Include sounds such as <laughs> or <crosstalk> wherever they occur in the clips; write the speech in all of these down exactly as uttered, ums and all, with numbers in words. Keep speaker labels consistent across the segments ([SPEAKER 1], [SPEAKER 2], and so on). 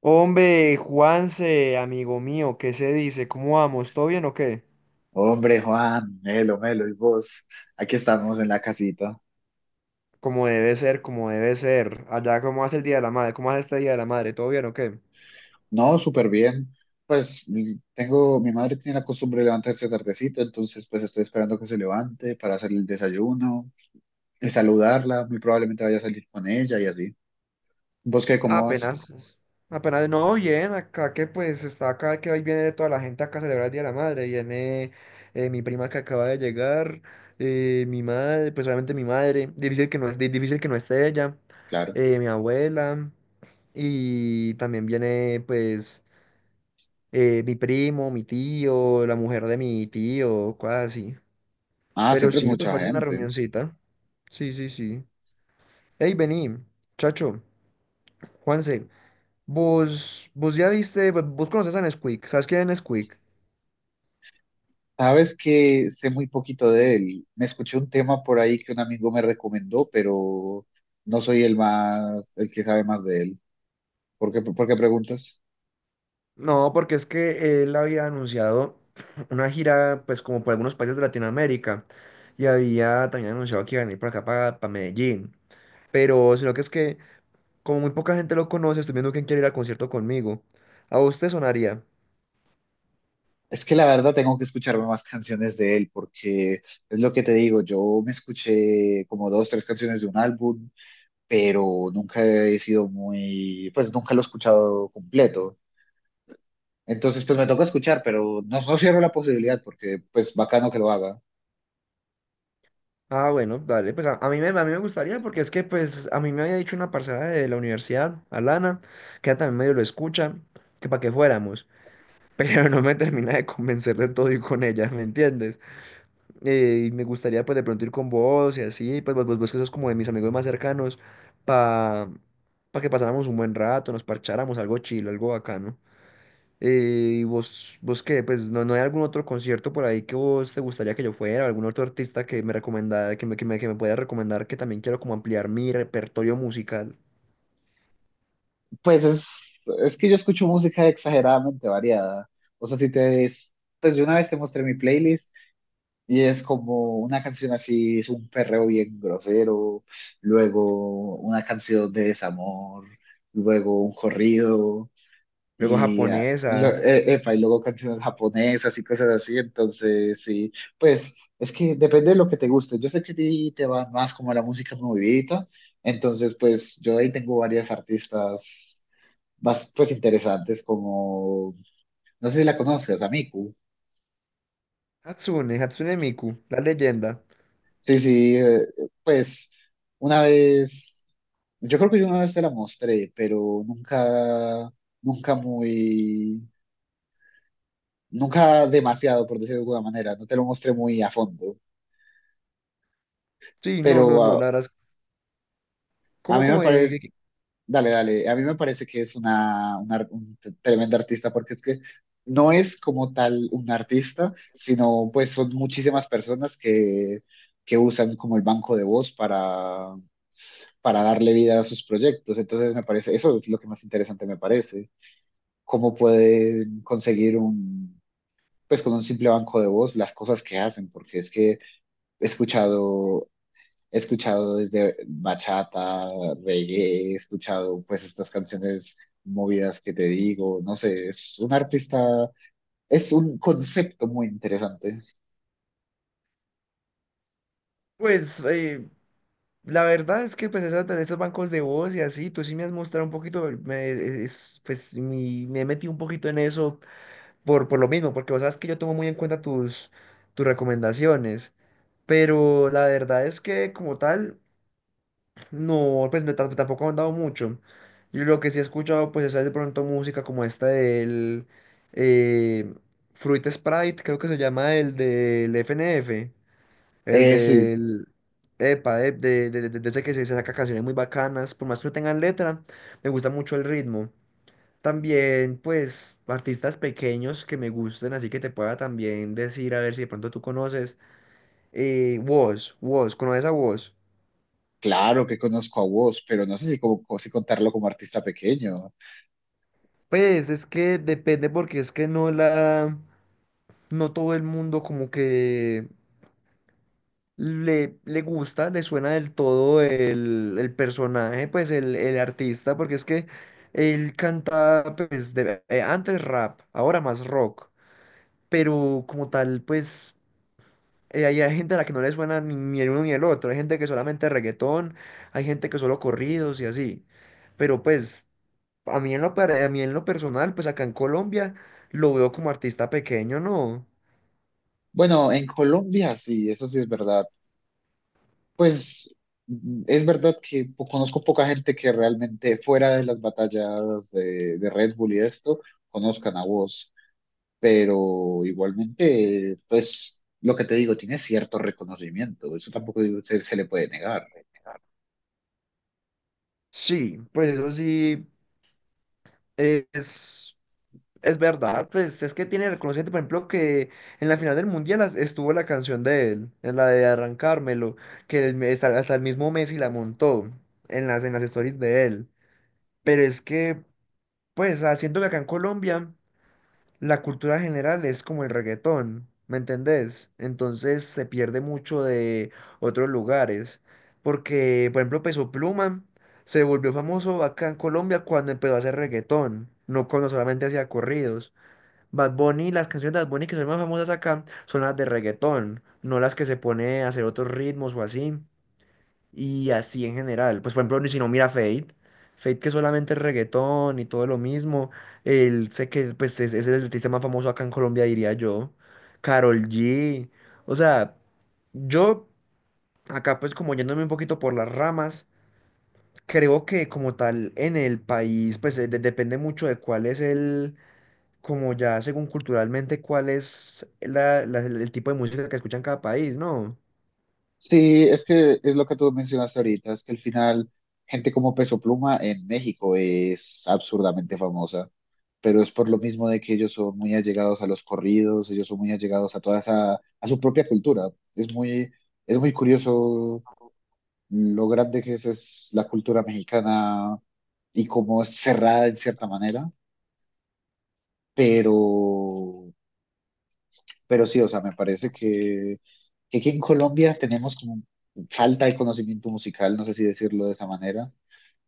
[SPEAKER 1] Hombre, Juanse, amigo mío, ¿qué se dice? ¿Cómo vamos? ¿Todo bien o qué?
[SPEAKER 2] Hombre, Juan, Melo, Melo, y vos, aquí estamos en la casita.
[SPEAKER 1] Como debe ser, como debe ser. Allá, ¿cómo hace el Día de la Madre? ¿Cómo hace este Día de la Madre? ¿Todo bien o qué?
[SPEAKER 2] No, súper bien. Pues mi- tengo, mi madre tiene la costumbre de levantarse tardecito, entonces pues estoy esperando que se levante para hacer el desayuno y saludarla. Muy probablemente vaya a salir con ella y así. ¿Vos qué, cómo vas?
[SPEAKER 1] Apenas, apenas, no, bien, acá que pues está acá, que hoy viene toda la gente acá a celebrar el Día de la Madre. Viene eh, mi prima que acaba de llegar, eh, mi madre, pues obviamente mi madre, difícil que no, es- di- difícil que no esté ella,
[SPEAKER 2] Claro.
[SPEAKER 1] eh, mi abuela. Y también viene, pues, eh, mi primo, mi tío, la mujer de mi tío, cosas así.
[SPEAKER 2] Ah,
[SPEAKER 1] Pero
[SPEAKER 2] siempre es
[SPEAKER 1] sí, pues
[SPEAKER 2] mucha
[SPEAKER 1] va a ser una Ok.
[SPEAKER 2] gente.
[SPEAKER 1] reunioncita. Sí, sí, sí. Hey, vení, chacho, Juanse, vos, vos ya viste, vo- vos conoces a Nesquik, ¿sabes quién es Nesquik?
[SPEAKER 2] Sabes que sé muy poquito de él. Me escuché un tema por ahí que un amigo me recomendó, pero no soy el más, el que sabe más de él. ¿Por qué, por qué preguntas?
[SPEAKER 1] No, porque es que él había anunciado <clears throat> una gira, pues como por algunos países de Latinoamérica, y había también anunciado que iba a venir por acá para, para Medellín. Pero, sino que es que, como muy poca gente lo conoce, estoy viendo quién quiere ir al concierto conmigo. ¿A vos te sonaría?
[SPEAKER 2] Es que la verdad tengo que escucharme más canciones de él porque es lo que te digo, yo me escuché como dos, tres canciones de un álbum, pero nunca he sido muy, pues nunca lo he escuchado completo. Entonces pues me toca escuchar, pero no, no cierro la posibilidad porque pues bacano que lo haga.
[SPEAKER 1] Ah, bueno, dale, pues a, a mí me, a mí me gustaría porque es que pues a mí me había dicho una parcera de la universidad, Alana, que ella también medio lo escucha, que para que fuéramos, <laughs> pero no me termina de convencer del todo ir con ella, ¿me entiendes? Eh, y me gustaría pues de pronto ir con vos y así, pues vos, vos, vos que sos como de mis amigos más cercanos, para que pasáramos un buen rato, nos parcháramos algo chill, algo bacano. Eh, ¿y vos, vos qué? Pues no, no hay algún otro concierto por ahí que vos te gustaría que yo fuera, algún otro artista que me recomendara, que me, que me, que me pueda recomendar, que también quiero como ampliar mi repertorio musical.
[SPEAKER 2] Pues es, es que yo escucho música exageradamente variada. O sea, si te, pues yo una vez te mostré mi playlist. Y es como una canción así, es un perreo bien grosero, luego una canción de desamor, luego un corrido,
[SPEAKER 1] Luego
[SPEAKER 2] y, ah, lo-
[SPEAKER 1] japonesa,
[SPEAKER 2] e- epa, y luego canciones japonesas y cosas así. Entonces, sí, pues es que depende de lo que te guste. Yo sé que a ti te va más como la música movidita, entonces, pues yo ahí tengo varias artistas más pues interesantes, como, no sé si la conozcas, a Miku.
[SPEAKER 1] Hatsune, Hatsune Miku, la leyenda.
[SPEAKER 2] Sí, sí, eh, pues una vez, yo creo que yo una vez te la mostré, pero nunca, nunca muy, nunca demasiado, por decirlo de alguna manera, no te lo mostré muy a fondo,
[SPEAKER 1] Sí, no, no,
[SPEAKER 2] pero
[SPEAKER 1] no, la
[SPEAKER 2] ah,
[SPEAKER 1] verdad es,
[SPEAKER 2] a,
[SPEAKER 1] ¿cómo,
[SPEAKER 2] mí me
[SPEAKER 1] cómo? eh,
[SPEAKER 2] parece,
[SPEAKER 1] que- que-
[SPEAKER 2] dale, dale, a mí me parece que es una, una ar- un t- tremenda artista, porque es que no es como tal un artista, sino pues son muchísimas personas que, que usan como el banco de voz para darle vida a sus proyectos. Entonces me parece, eso es lo que más interesante me parece, cómo pueden conseguir un, pues con un simple banco de voz las cosas que hacen, porque es que he escuchado, he escuchado desde bachata, reggae, he escuchado pues estas canciones movidas que te digo, no sé, es un artista, es un concepto muy interesante.
[SPEAKER 1] pues eh, la verdad es que pues esas, esos bancos de voz y así, tú sí me has mostrado un poquito, me, e, es, pues mi- me he metido un poquito en eso por, por lo mismo, porque vos sabes que yo tomo muy en cuenta tus, tus recomendaciones. Pero la verdad es que como tal, no, pues no, tam- tampoco han dado mucho. Yo lo que sí he escuchado, pues es de pronto música como esta del eh, Fruit Sprite, creo que se llama el del F N F, el
[SPEAKER 2] Eh, sí,
[SPEAKER 1] del... Epa, eh, de, de, de- de ese que se, se saca canciones muy bacanas, por más que no tengan letra, me gusta mucho el ritmo. También, pues, artistas pequeños que me gusten, así que te pueda también decir, a ver si de pronto tú conoces. Eh, Wos, Wos, ¿conoces a Wos?
[SPEAKER 2] claro que conozco a vos, pero no sé si, como, si contarlo como artista pequeño.
[SPEAKER 1] Pues es que depende porque es que no la, no todo el mundo como que le, le gusta, le suena del todo el, el personaje, pues el, el artista, porque es que él canta pues de- eh, antes rap, ahora más rock, pero como tal pues eh, hay, hay gente a la que no le suena ni, ni el uno ni el otro, hay gente que solamente reggaetón, hay gente que solo corridos y así, pero pues... A mí en lo, per- a mí en lo personal, pues acá en Colombia lo veo como artista pequeño, ¿no?
[SPEAKER 2] Bueno, en Colombia sí, eso sí es verdad. Pues mm, es verdad que po- conozco poca gente que realmente fuera de las batallas de, de Red Bull y de esto, conozcan a vos, pero igualmente, pues lo que te digo, tiene cierto reconocimiento, eso tampoco digo- se se le puede negar.
[SPEAKER 1] Sí, pues eso sí eh, es, es verdad, pues es que tiene reconocimiento, por ejemplo, que en la final del Mundial as- estuvo la canción de él, en la de Arrancármelo, que el me- hasta, hasta el mismo Messi la montó en las, en las stories de él. Pero es que, pues, ah, siento que acá en Colombia... la cultura general es como el reggaetón, ¿me entendés? Entonces se pierde mucho de otros lugares, porque, por ejemplo, Peso Pluma se volvió famoso acá en Colombia cuando empezó a hacer reggaetón, no cuando solamente hacía corridos. Bad Bunny, las canciones de Bad Bunny que son más famosas acá son las de reggaetón, no las que se pone a hacer otros ritmos o así. Y así en general. Pues por ejemplo, ni si no mira Fate. Fate que solamente es reggaetón y todo lo mismo. Él sé que pues es, es el artista más famoso acá en Colombia, diría yo. Karol G. O sea, yo acá pues como yéndome un poquito por las ramas, creo que como tal en el país pues eh, de- depende mucho de cuál es el, como ya según culturalmente, cuál es la- la- el tipo de música que escucha en cada país, ¿no?
[SPEAKER 2] Sí, es que es lo que tú mencionaste ahorita, es que al final gente como Peso Pluma en México es absurdamente famosa, pero es por lo mismo de que ellos son muy allegados a los corridos, ellos son muy allegados a toda esa, a su propia cultura. Es muy, es muy curioso lo grande que es, es la cultura mexicana y cómo es cerrada en cierta manera, pero Pero sí, o sea, me parece que, que aquí en Colombia tenemos como falta de conocimiento musical, no sé si decirlo de esa manera,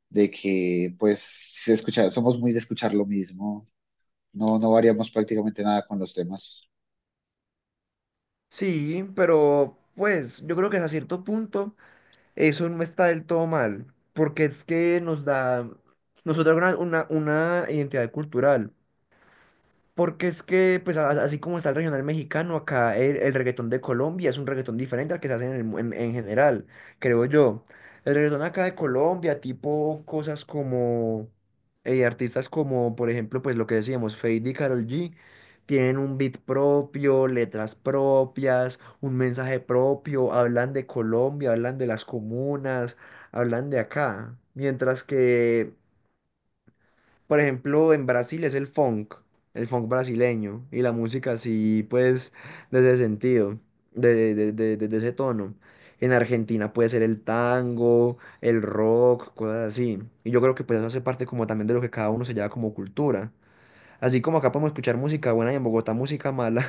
[SPEAKER 2] de que pues se escucha, somos muy de escuchar lo mismo, no, no variamos prácticamente nada con los temas.
[SPEAKER 1] Sí, pero pues yo creo que hasta cierto punto. Eso no está del todo mal, porque es que nos da, nos otorga una, una, una identidad cultural. Porque es que, pues a- así como está el regional mexicano, acá el, el reggaetón de Colombia es un reggaetón diferente al que se hace en, el mu- en- en general, creo yo. El reggaetón acá de Colombia, tipo cosas como eh, artistas como, por ejemplo, pues lo que decíamos, Feid y Karol G, tienen un beat propio, letras propias, un mensaje propio, hablan de Colombia, hablan de las comunas, hablan de acá. Mientras que por ejemplo, en Brasil es el funk, el funk brasileño, y la música así, pues, desde ese sentido, de, de, de, de- de ese tono. En Argentina puede ser el tango, el rock, cosas así. Y yo creo que pues eso hace parte como también de lo que cada uno se lleva como cultura. Así como acá podemos escuchar música buena y en Bogotá música mala,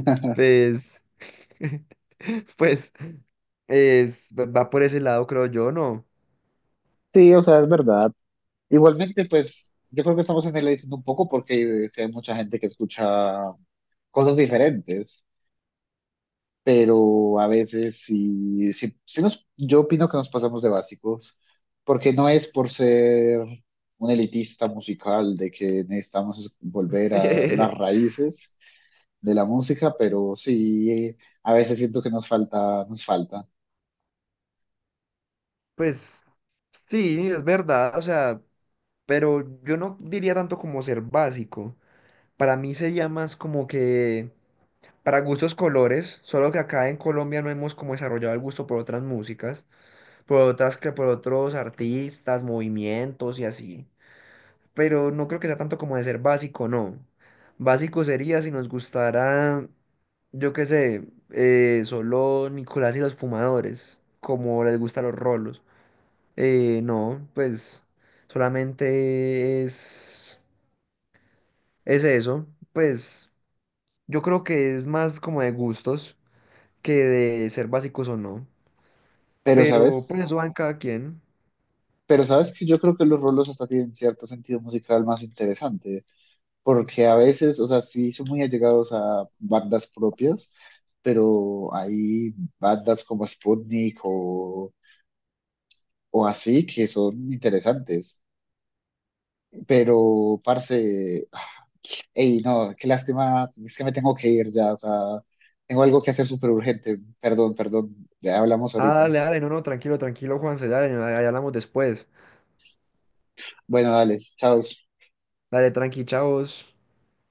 [SPEAKER 1] <laughs> pues, <laughs> pues, es, va por ese lado, creo yo, ¿no?
[SPEAKER 2] Sí, o sea, es verdad. Igualmente, pues yo creo que estamos en el diciendo un poco porque eh, sí hay mucha gente que escucha cosas diferentes. Pero a veces sí, sí, sí nos, yo opino que nos pasamos de básicos, porque no es por ser un elitista musical de que necesitamos volver a las
[SPEAKER 1] <laughs>
[SPEAKER 2] raíces de la música, pero sí, a veces siento que nos falta, nos falta.
[SPEAKER 1] Pues, sí, es verdad, o sea... pero yo no diría tanto como ser básico. Para mí sería más como que para gustos colores, solo que acá en Colombia no hemos como desarrollado el gusto por otras músicas, por otras que por otros artistas, movimientos y así. Pero no creo que sea tanto como de ser básico, no. Básico sería si nos gustara, yo qué sé, eh, solo Nicolás y los Fumadores, como les gustan los rolos. Eh, no, pues solamente es. Es eso, pues yo creo que es más como de gustos que de ser básicos o no.
[SPEAKER 2] Pero
[SPEAKER 1] Pero pues
[SPEAKER 2] sabes,
[SPEAKER 1] eso va en cada quien.
[SPEAKER 2] pero sabes que yo creo que los rolos hasta tienen cierto sentido musical más interesante. Porque a veces, o sea, sí son muy allegados a bandas propias, pero hay bandas como Sputnik o, o así que son interesantes. Pero, parce, ey, no, qué lástima, es que me tengo que ir ya, o sea, tengo algo que hacer súper urgente. Perdón, perdón, ya hablamos
[SPEAKER 1] Ah,
[SPEAKER 2] ahorita.
[SPEAKER 1] dale, dale, no, no, tranquilo, tranquilo, Juanse, dale, ahí hablamos después.
[SPEAKER 2] Bueno, dale, chao.
[SPEAKER 1] Dale, tranqui, chavos.